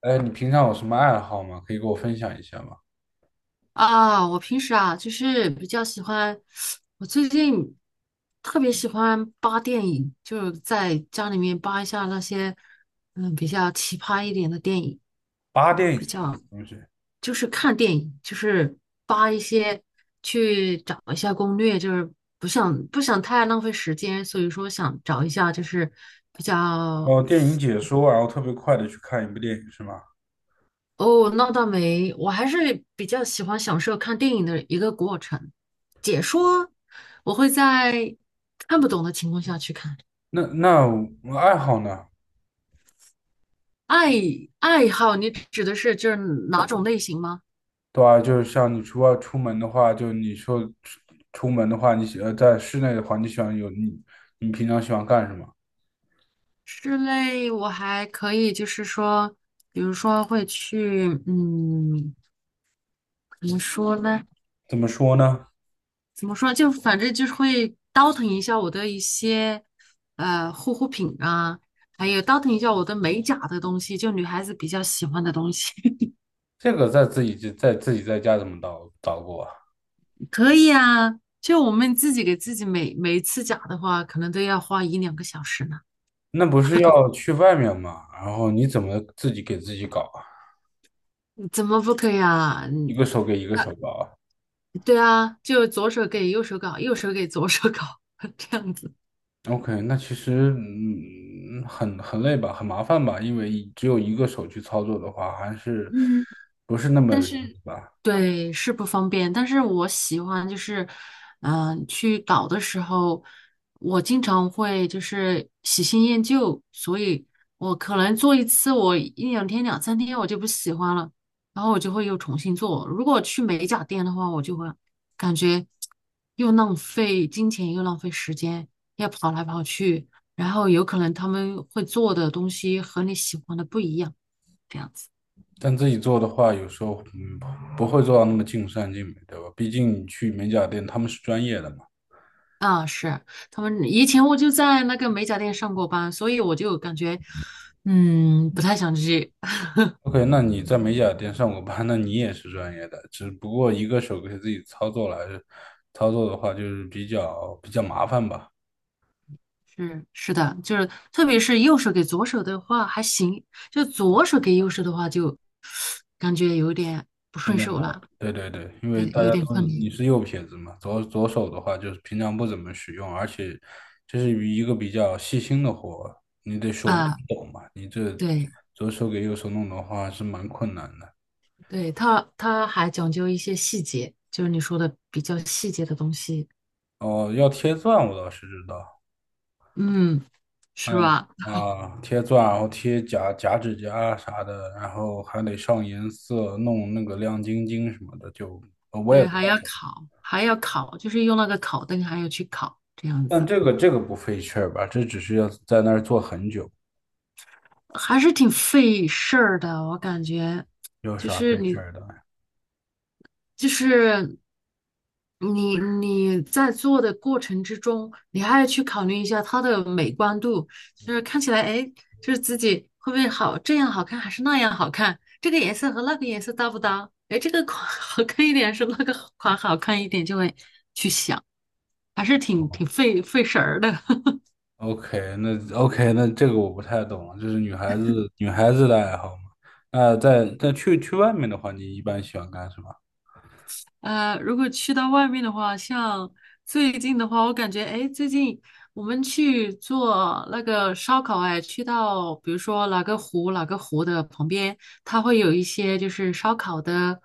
哎，你平常有什么爱好吗？可以给我分享一下吗？啊，我平时啊，就是比较喜欢，我最近特别喜欢扒电影，就是在家里面扒一下那些，比较奇葩一点的电影，八电影比是什么较东西？就是看电影，就是扒一些，去找一下攻略，就是不想太浪费时间，所以说想找一下就是比较。哦，电影解说，然后特别快的去看一部电影是吗？哦，那倒没，我还是比较喜欢享受看电影的一个过程。解说，我会在看不懂的情况下去看。那我爱好呢？爱爱好，你指的是就是哪种类型吗？对啊，就是像你出外出门的话，就你说出出门的话，你喜在室内的话，你喜欢有你你平常喜欢干什么？室内我还可以，就是说，比如说会去，怎么说呢？怎么说呢？怎么说？就反正就是会倒腾一下我的一些护肤品啊，还有倒腾一下我的美甲的东西，就女孩子比较喜欢的东西。这个在自己在自己在家怎么捣捣鼓啊？可以啊，就我们自己给自己每一次假的话，可能都要花一两个小时呢。那不是要去外面吗？然后你怎么自己给自己搞啊？嗯怎么不可以啊？一嗯，个手给一个那手搞啊？对啊，就左手给右手搞，右手给左手搞，这样子。OK，那其实很累吧，很麻烦吧，因为一只有一个手去操作的话，还是嗯，不是那么但容易是，吧？对，是不方便。但是我喜欢就是，去搞的时候，我经常会就是喜新厌旧，所以我可能做一次，我一两天、两三天我就不喜欢了，然后我就会又重新做。如果去美甲店的话，我就会感觉又浪费金钱，又浪费时间，要跑来跑去，然后有可能他们会做的东西和你喜欢的不一样，这样子。但自己做的话，有时候不会做到那么尽善尽美，对吧？毕竟你去美甲店，他们是专业的嘛。啊，是。他们以前我就在那个美甲店上过班，所以我就感觉，不太想去。OK，那你在美甲店上过班，那你也是专业的，只不过一个手给自己操作来操作的话，就是比较麻烦吧。是的，就是特别是右手给左手的话还行，就左手给右手的话就感觉有点不顺手了，对对对，因为对，大家有点都是困难你是右撇子嘛，左手的话就是平常不怎么使用，而且这是一个比较细心的活，你得手不啊。抖嘛，你这对左手给右手弄的话是蛮困难的。对，他还讲究一些细节，就是你说的比较细节的东西，哦，要贴钻我倒是知道，嗯，还是有吧？啊贴钻，然后贴假指甲啥的，然后还得上颜色，弄那个亮晶晶什么的，我也对，不太还要懂，烤，还要烤，就是用那个烤灯，还要去烤这样但子。这个不费事儿吧，这只是要在那儿坐很久，还是挺费事儿的，我感觉，有就啥是费事你，儿的？就是你，你在做的过程之中，你还要去考虑一下它的美观度，就是看起来，哎，就是自己会不会好，这样好看还是那样好看，这个颜色和那个颜色搭不搭？哎，这个款 好看一点是那个款好看一点，就会去想，还是挺费神儿的。OK，那 OK，那这个我不太懂了，就是女孩子的爱好嘛。那在去外面的话，你一般喜欢干什么如果去到外面的话，像最近的话，我感觉，哎，最近我们去做那个烧烤，哎，去到比如说哪个湖，哪个湖的旁边，它会有一些就是烧烤的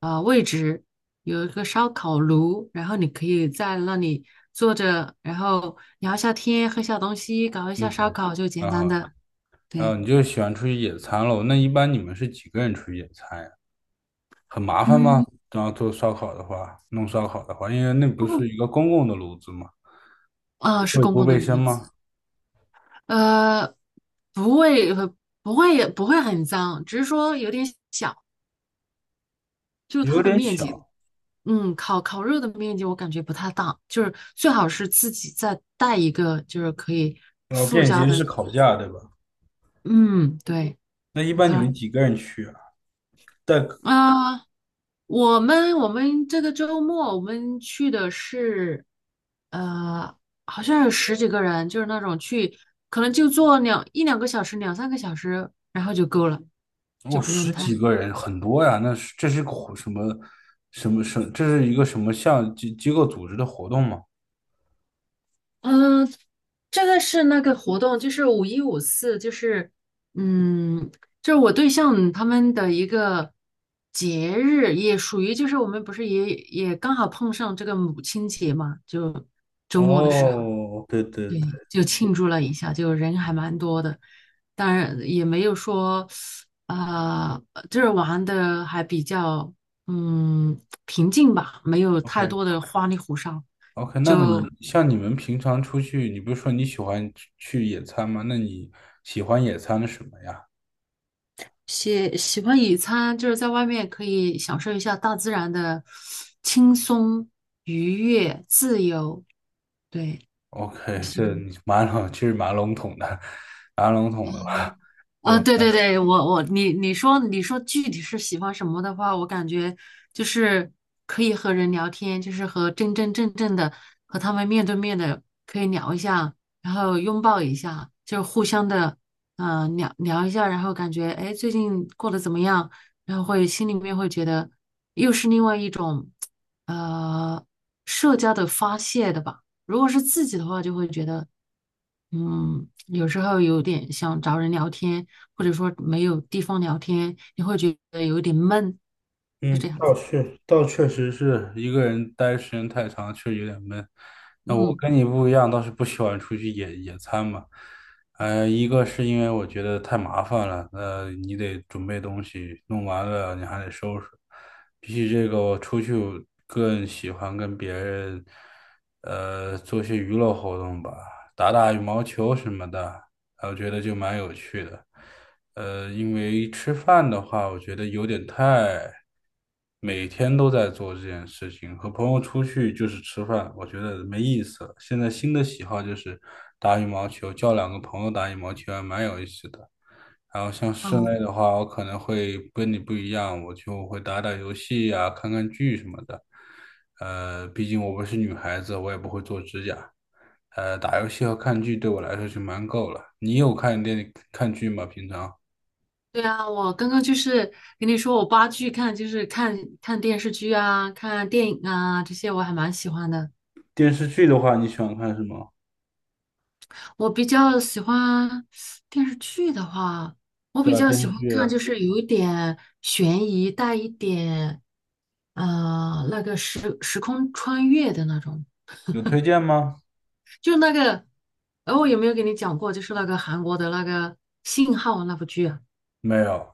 位置，有一个烧烤炉，然后你可以在那里坐着，然后聊一下天，喝下东西，搞一下？OK，烧烤，就简蛮单好的。的，然后对，你就喜欢出去野餐喽？那一般你们是几个人出去野餐呀？很麻烦吗？嗯，然后做烧烤的话，弄烧烤的话，因为那不是一个公共的炉子嘛，啊，是会公不共卫的生名吗？字。呃，不会，不会，不会很脏，只是说有点小，就是有它的点面积，小，烤肉的面积我感觉不太大，就是最好是自己再带一个，就是可以然后附便加携的，式烤架，对吧？嗯，对，那一般你它们几个人去啊？带？啊、呃我们这个周末我们去的是，呃，好像有十几个人，就是那种去，可能就坐一两个小时，两三个小时，然后就够了，我就不用十太。几个人很多呀，那是这是个活什么什么什么这是一个什么项机构组织的活动吗？嗯，这个是那个活动，就是五一五四，嗯，就是我对象他们的一个节日，也属于就是我们不是也刚好碰上这个母亲节嘛，就周末的时候，哦，对对对，对，就庆祝了一下，就人还蛮多的，当然也没有说就是玩的还比较嗯平静吧，没有太？OK。 多的花里胡哨，啊 OK，那就。你像你们平常出去，你不是说你喜欢去野餐吗？那你喜欢野餐的什么呀喜欢野餐，就是在外面可以享受一下大自然的轻松、愉悦、自由。对，我？OK，喜这欢。你蛮笼，其实蛮笼统的，蛮笼统的吧？了。就对对对，我我你你说你说具体是喜欢什么的话，我感觉就是可以和人聊天，就是和真真正正的和他们面对面的可以聊一下，然后拥抱一下，就是互相的聊聊一下，然后感觉哎诶最近过得怎么样，然后会心里面会觉得又是另外一种呃社交的发泄的吧。如果是自己的话，就会觉得。嗯，有时候有点想找人聊天，或者说没有地方聊天，你会觉得有点闷，是嗯，这样子。倒确实是一个人待时间太长，确实有点闷。那我嗯，跟你不一样，倒是不喜欢出去野餐嘛。呃，一个是因为我觉得太麻烦了，你得准备东西，弄完了你还得收拾。比起这个，我出去我更喜欢跟别人，做些娱乐活动吧，打打羽毛球什么的，我觉得就蛮有趣的。因为吃饭的话，我觉得有点太每天都在做这件事情。和朋友出去就是吃饭，我觉得没意思了。现在新的喜好就是打羽毛球，叫两个朋友打羽毛球还蛮有意思的。然后像室哦，内的话，我可能会跟你不一样，我就会打打游戏呀、看看剧什么的。毕竟我不是女孩子，我也不会做指甲。打游戏和看剧对我来说就蛮够了。你有看看剧吗？平常？对啊，我刚刚就是跟你说，我八剧看就是看看电视剧啊，看电影啊，这些我还蛮喜欢的。电视剧的话，你喜欢看什么？我比较喜欢电视剧的话，我对比啊，较电喜视欢剧看就是有一点悬疑，带一点那个时空穿越的那种。有推荐吗？就那个，我有没有给你讲过？就是那个韩国的那个信号那部剧啊，没有。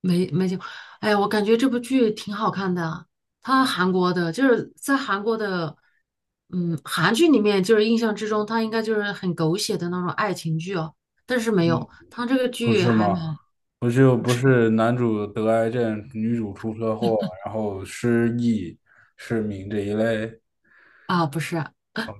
没讲。哎呀，我感觉这部剧挺好看的啊，它韩国的，就是在韩国的，韩剧里面，就是印象之中，它应该就是很狗血的那种爱情剧哦，但是没嗯，有，它这个不剧是还蛮，吗？不是，不不是是，男主得癌症，女主出车祸，然后失忆、失明这一类。啊，不是，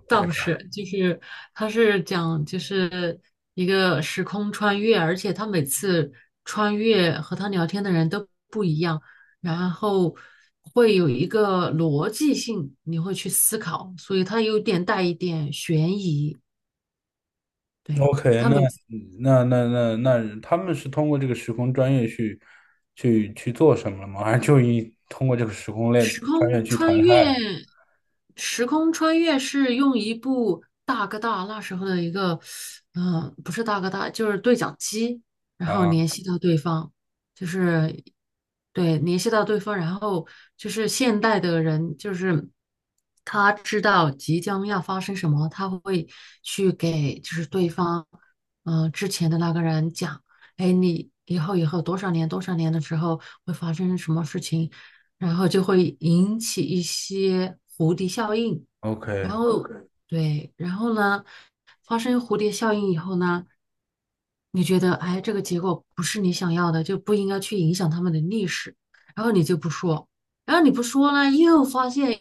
倒不是，就是他是讲就是一个时空穿越，而且他每次穿越和他聊天的人都不一样，然后会有一个逻辑性，你会去思考，所以他有点带一点悬疑。对，OK，他那每那那那那，他们是通过这个时空穿越去做什么了吗？还是就一通过这个时空类时穿越空去谈穿越，爱时空穿越是用一部大哥大那时候的一个，不是大哥大，就是对讲机，然后联啊系到对方，就是对联系到对方，然后就是现代的人，就是他知道即将要发生什么，他会去给就是对方，之前的那个人讲，哎，你以后多少年多少年的时候会发生什么事情。然后就会引起一些蝴蝶效应，然后 ？OK，OK，对，然后呢，发生蝴蝶效应以后呢，你觉得哎，这个结果不是你想要的，就不应该去影响他们的历史，然后你就不说，然后你不说呢，又发现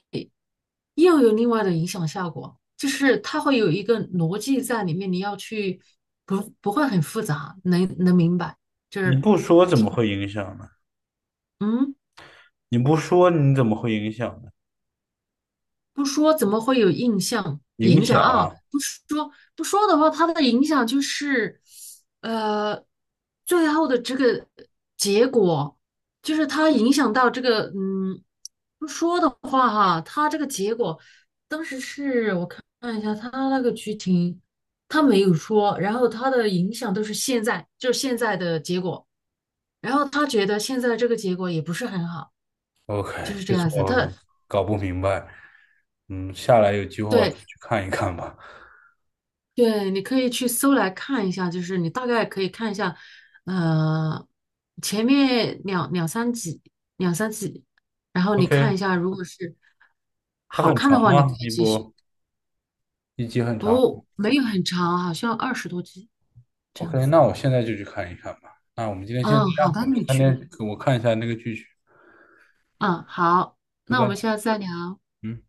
又有另外的影响效果，就是它会有一个逻辑在里面，你要去不不会很复杂，能明白，就你是不说怎么会影响呢？嗯。你不说你怎么会影响呢？不说怎么会有影影响响啊？啊！不说的话，它的影响就是，呃，最后的这个结果，就是它影响到这个，不说的话哈，它这个结果，当时是我看了一下它那个剧情，它没有说，然后它的影响都是现在，就是现在的结果。然后他觉得现在这个结果也不是很好，就 OK，是这这次样子。我搞不明白，嗯，下来有机会我再对去看一看吧。对，你可以去搜来看一下，就是你大概可以看一下，呃，前面两三集，然后你 OK，看一下，如果是它好很看长的话，你可吗？以继续。一集很长。不，没有很长，好像二十多集这样 OK，子。那我现在就去看一看吧。那我们今天先这嗯，好样，的，你去吧。我看一下那个剧去，嗯，好，拜那我拜。们下次再聊。嗯。